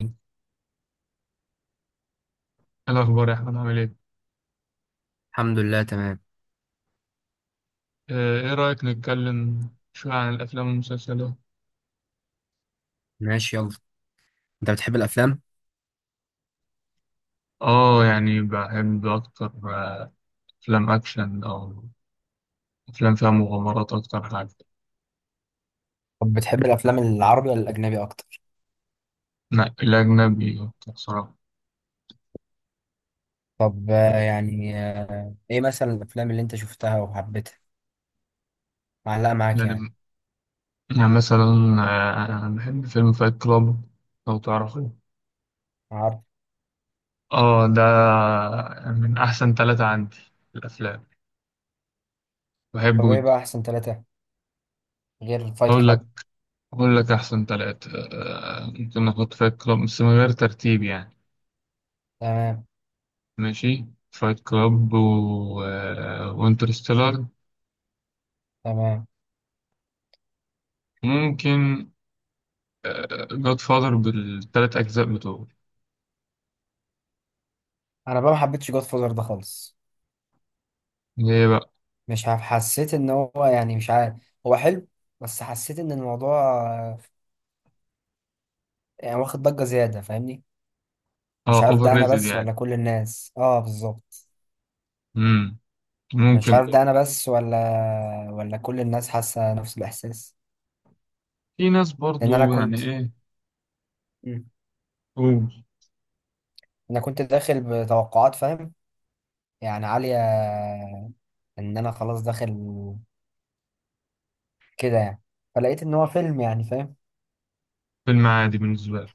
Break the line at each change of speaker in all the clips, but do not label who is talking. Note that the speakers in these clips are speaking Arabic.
إيه الأخبار يا أحمد، عامل إيه؟
الحمد لله، تمام.
إيه رأيك نتكلم شوية عن الأفلام والمسلسلات؟
ماشي، يلا. انت بتحب الافلام؟
اه يعني بحب اكتر، افلام اكشن او افلام فيها مغامرات، اكتر حاجه
طب بتحب الافلام العربي ولا الاجنبي اكتر؟
لا الاجنبي اكتر صراحه.
طب يعني ايه مثلا الافلام اللي انت شفتها وحبيتها معلقه معاك، يعني؟
يعني يعني مثلا أنا بحب فيلم فايت كلاب، لو تعرفه.
عارف.
اه ده من احسن ثلاثة عندي في الافلام،
طب
بحبه
ايه
جدا.
بقى احسن ثلاثه غير فايت
اقول
كلاب؟
لك اقول لك احسن ثلاثة. ممكن نحط فايت كلاب بس من غير ترتيب يعني.
تمام.
ماشي، فايت كلاب و... وانترستيلر.
تمام.
ممكن جاد فاذر بالتلات أجزاء بتوعه.
انا بقى ما حبيتش جود فوزر ده خالص.
اللي هي بقى
مش عارف، حسيت ان هو، يعني، مش عارف. هو حلو، بس حسيت ان الموضوع آه، يعني واخد ضجه زياده، فاهمني؟ مش
اه
عارف،
اوفر
ده انا
ريتد
بس
يعني.
ولا كل الناس؟ اه، بالظبط.
مم. ممكن
مش عارف
برضه.
ده انا بس ولا كل الناس حاسه نفس الاحساس؟
في ناس
لان انا
برضو يعني،
كنت.
ايه،
مم.
قول.
انا كنت داخل بتوقعات، فاهم؟ يعني عاليه. ان انا خلاص داخل كده، يعني. فلقيت ان هو فيلم، يعني، فاهم؟
فيلم عادي بالنسبة لي.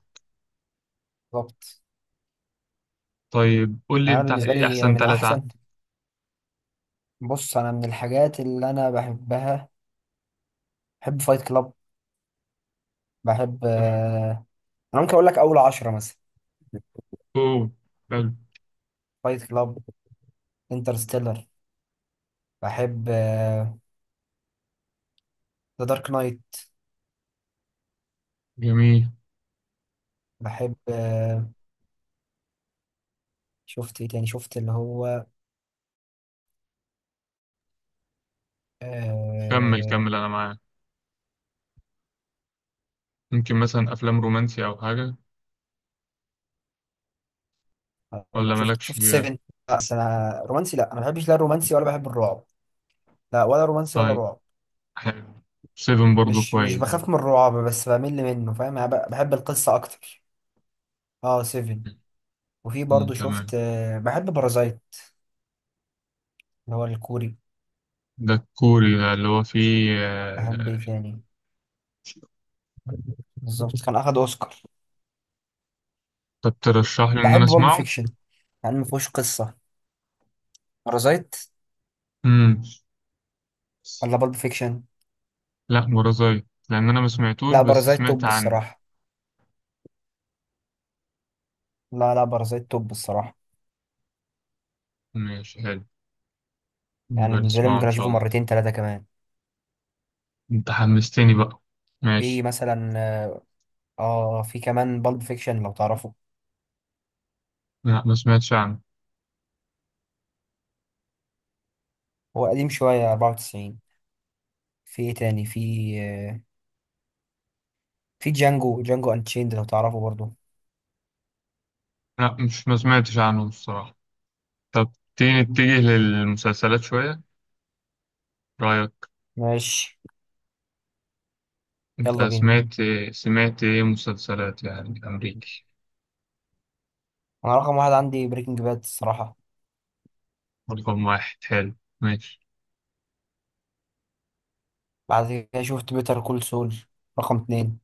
بالظبط.
طيب قول لي
يعني انا
انت،
بالنسبه
ايه
لي
أحسن
من
تلاتة
احسن.
عندك؟
بص، انا من الحاجات اللي انا بحبها. بحب فايت كلاب. بحب، انا ممكن اقول لك اول 10 مثلا.
اوه، حلو،
فايت كلاب، انترستيلر، بحب ذا دارك نايت.
جميل.
بحب، شفت ايه تاني؟ شفت اللي هو
كمل
أه...
كمل، أنا معاك. ممكن مثلا أفلام رومانسي أو حاجة،
اقول
ولا
لك، شفت
مالكش
شفت
فيها؟
7. بس انا رومانسي، لا انا ما بحبش لا الرومانسي ولا بحب الرعب. لا، ولا رومانسي ولا
طيب،
رعب.
حلو. سيفن برضو
مش
كويس برضو.
بخاف من الرعب، بس بمل منه، فاهم؟ أنا بحب القصة اكتر. اه، 7. وفي
مم.
برضو
تمام.
شفت بحب بارازايت. اللي هو الكوري.
ده الكوري، ده اللي هو فيه
بحب ايه تاني؟ بالظبط، كان اخد اوسكار.
طب ترشح لي إن أنا
بحب بالب
أسمعه؟
فيكشن. يعني ما فيهوش قصة. بارازايت
مم.
ولا بالب فيكشن؟
لأ، مرازاي، لأن أنا ما سمعتوش
لا،
بس
بارازايت
سمعت
توب
عنه.
الصراحة. لا، لا، بارازايت توب الصراحة.
ماشي، حلو،
يعني
نبقى
بالنسبة لي،
نسمعه
ممكن
إن شاء
اشوفه
الله.
مرتين ثلاثة كمان.
أنت حمستني بقى.
في
ماشي.
مثلا اه، في كمان بالب فيكشن، لو تعرفه.
لأ، ما سمعتش عنه.
هو قديم شوية، 94. في ايه تاني؟ في آه، في جانجو اند تشيند، لو تعرفه برضو.
لأ، مش ما سمعتش عنه الصراحة. طب تيجي نتجه للمسلسلات شوية، رأيك؟
ماشي،
أنت
يلا بينا.
سمعت إيه مسلسلات يعني أمريكي؟
انا رقم واحد عندي بريكنج باد الصراحة.
رقم واحد، حلو، ماشي.
بعد كده شفت بيتر كول سول. رقم اتنين.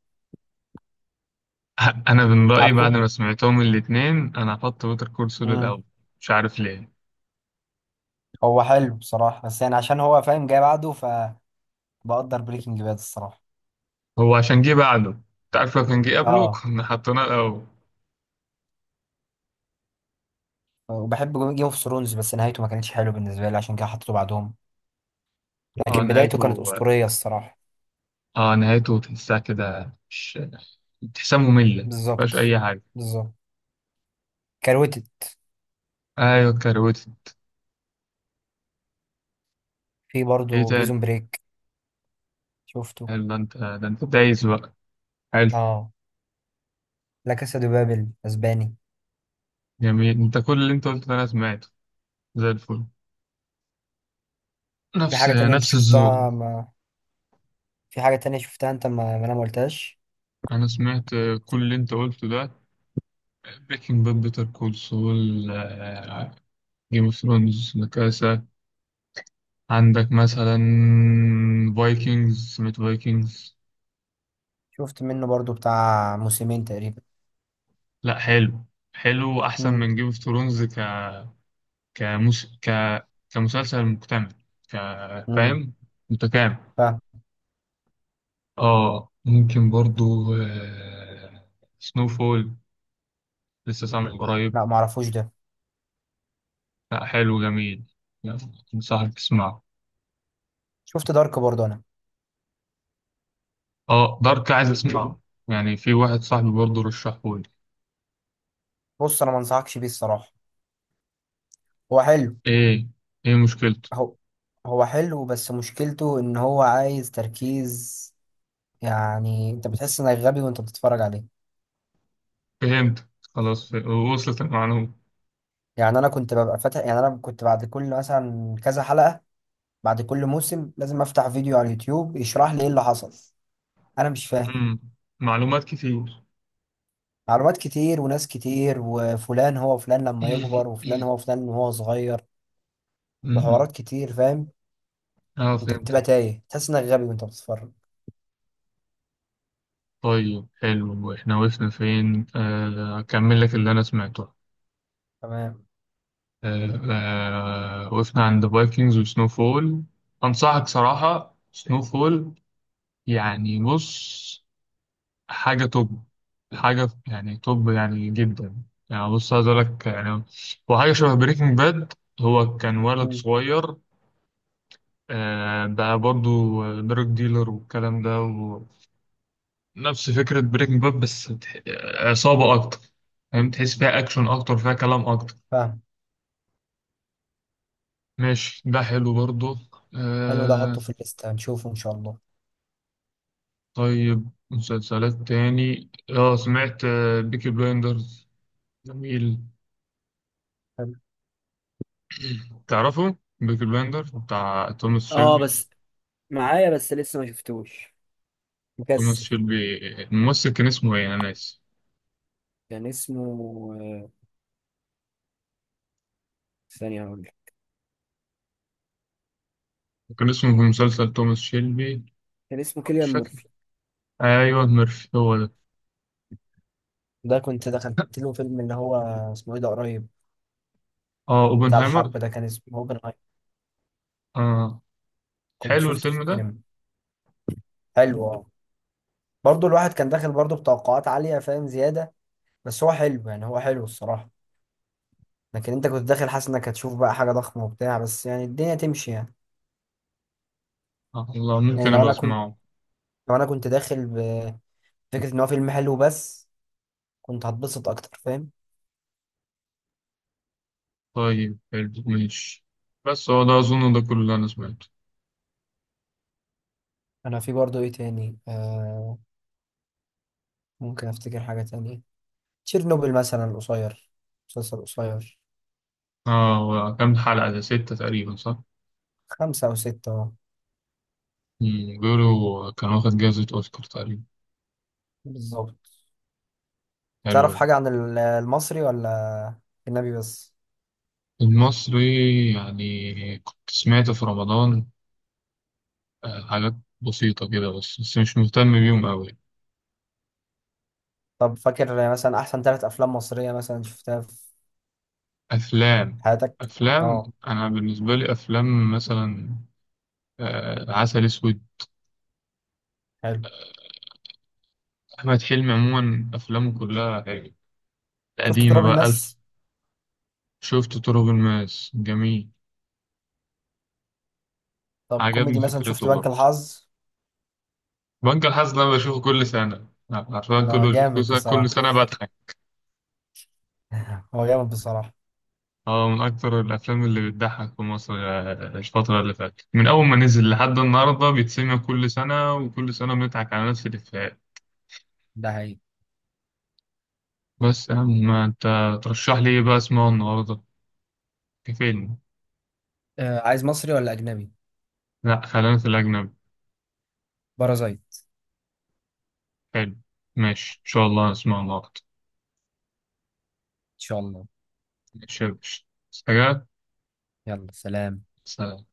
انا من رايي، بعد
عارفه.
ما سمعتهم الاتنين، انا هحط بيتر كول سول الاول.
امم.
مش عارف ليه.
هو حلو بصراحة، بس يعني عشان هو فاهم، جاي بعده، فبقدر. بريكنج باد الصراحة.
هو عشان جه بعده. تعرف، لو كان جه قبله
اه،
كنا حطيناه الاول.
وبحب جيم اوف ثرونز، بس نهايته ما كانتش حلوه بالنسبة لي، عشان كده حطيته بعدهم.
اه
لكن بدايته
نهايته.
كانت أسطورية الصراحة.
اه نهايته، تحسها كده، مش تحسها ممله.
بالظبط.
مفيهاش اي حاجه.
بالظبط. كروتت.
ايوه، كروت.
في
ايه
برضه
تاني؟
بريزون بريك. شفته.
حلو ده، انت دايس بقى، حلو.
اه. لا كاسا دي بابل، اسباني.
جميل، انت كل اللي انت قلته ده انا سمعته، زي الفل.
في
نفس
حاجة تانية انت
نفس الذوق.
شفتها ما. في حاجة تانية شفتها انت، ما انا ما قلتهاش؟
انا سمعت كل اللي انت قلته ده: بريكنج باد، بيتر كول سول، جيم اوف ثرونز نكاسة. عندك مثلا فايكنجز، سمعت فايكنجز؟
شفت منه برضه، بتاع موسمين تقريبا.
لا حلو، حلو أحسن
امم.
من جيم اوف ثرونز ك كمس... ك كمسلسل مكتمل، ك
امم.
فاهم، متكامل.
فاهم.
اه ممكن برضو سنو فول، لسه سامع قريب.
لا، ما اعرفوش ده.
لا، حلو، جميل يعني، انصحك تسمعه.
شفت دارك برضه انا.
اه دارك، عايز اسمعه يعني، في واحد صاحبي برضو رشحهولي.
بص، انا ما انصحكش بيه الصراحة. هو حلو.
ايه ايه مشكلته؟
هو هو حلو، بس مشكلته ان هو عايز تركيز. يعني انت بتحس انك غبي وانت بتتفرج عليه.
فهمت، خلاص، وصلت المعلومة.
يعني انا كنت ببقى فاتح، يعني انا كنت بعد كل مثلا كذا حلقة. بعد كل موسم لازم افتح فيديو على اليوتيوب يشرح لي ايه اللي حصل. انا مش فاهم.
مم. معلومات كتير.
معلومات كتير وناس كتير، وفلان هو فلان لما يكبر، وفلان هو فلان وهو صغير.
مم.
وحوارات كتير، فاهم؟
اه
انت
فهمت.
بتبقى تايه، تحس انك غبي وانت بتتفرج.
طيب، حلو، احنا وقفنا فين؟ اكمل لك اللي انا سمعته.
تمام.
آه، وقفنا عند فايكنجز وسنو فول. انصحك صراحة سنو فول، يعني بص، حاجة توب، حاجة يعني توب يعني جدا. يعني بص، عايز اقول لك يعني، هو حاجة شبه بريكنج باد. هو كان ولد
مم.
صغير، ده برضو دراج ديلر والكلام ده. ونفس فكرة بريكنج باد بس عصابة أكتر، فاهم، تحس فيها أكشن أكتر، فيها كلام أكتر.
فاهم.
ماشي، ده حلو برضو
حلو، ده
آه
احطه في الليسته، هنشوفه ان شاء الله.
طيب، مسلسلات تاني، سمعت بيكي بلايندرز؟ جميل.
حلو.
تعرفه بيكي بلايندرز بتاع توماس
اه،
شيلبي؟
بس معايا، بس لسه ما شفتوش.
توماس
مكسل.
شيلبي، الممثل كان اسمه ايه، انا ناسي.
كان اسمه آه، ثانية، هقول لك.
كان اسمه في مسلسل توماس شيلبي،
كان اسمه
مش
كيليان
فاكر.
مورفي.
ايوه، ميرفي، هو ده.
ده كنت دخلت له فيلم، اللي هو اسمه ايه ده؟ قريب،
اه
بتاع
اوبنهايمر.
الحرب ده، كان اسمه اوبن.
آه
كنت
حلو
شفته في
الفيلم ده؟
السينما. حلو، اه. برضه الواحد كان داخل برضه بتوقعات عالية، فاهم؟ زيادة. بس هو حلو، يعني هو حلو الصراحة. لكن انت كنت داخل حاسس انك هتشوف بقى حاجة ضخمة وبتاع، بس يعني الدنيا تمشي يعني.
الله،
يعني
ممكن
لو
أبقى
انا كنت.
أسمعه.
لو انا كنت داخل بفكرة، ان هو فيلم حلو بس، كنت هتبسط اكتر، فاهم؟
طيب، حلو، ماشي. بس هو ده أظن ده كل اللي أنا سمعته.
انا، في برضه ايه تاني ممكن افتكر حاجة تانية. تشيرنوبل مثلا، القصير. مسلسل قصير.
هو كام حلقة ده، ستة تقريبا، صح؟
خمسة او ستة، اه.
بيقولوا كان واخد جائزة أوسكار تقريبا.
بالظبط.
حلو
تعرف
ده.
حاجة عن المصري ولا الأجنبي بس؟
المصري يعني كنت سمعت في رمضان حاجات بسيطة كده، بس مش مهتم بيهم أوي.
طب فاكر مثلا احسن ثلاث افلام مصريه مثلا شفتها في
أفلام
حياتك؟
أفلام
اه.
أنا بالنسبة لي، أفلام مثلا عسل أسود.
حلو.
أحمد حلمي عموما أفلامه كلها حلوة،
شفت
القديمة
تراب
بقى ألف.
الماس.
شفت طرق الماس، جميل.
طب
عجبني
كوميدي مثلا، شفت
فكرته
بنك
برضه.
الحظ؟
بنك الحظ ده بشوفه كل سنة، عارفين،
لا،
كل
جامد
سنة كل
بصراحه.
سنة بضحك.
هو جامد بصراحه.
اه من أكتر الأفلام اللي بتضحك في مصر، الفترة اللي فاتت، من أول ما نزل لحد النهاردة بيتسمع كل سنة، وكل سنة بنضحك على نفس الإفيهات.
ده هي.
بس يا عم، ما أنت ترشح لي إيه بقى أسمعه النهاردة كفيلم؟
عايز مصري ولا أجنبي؟
لأ، خلينا في الأجنبي.
بارازايت.
حلو، ماشي، إن شاء الله نسمعه النهاردة.
إن شاء الله.
ماشي يا باشا، سلام،
يلا، سلام.
سلام.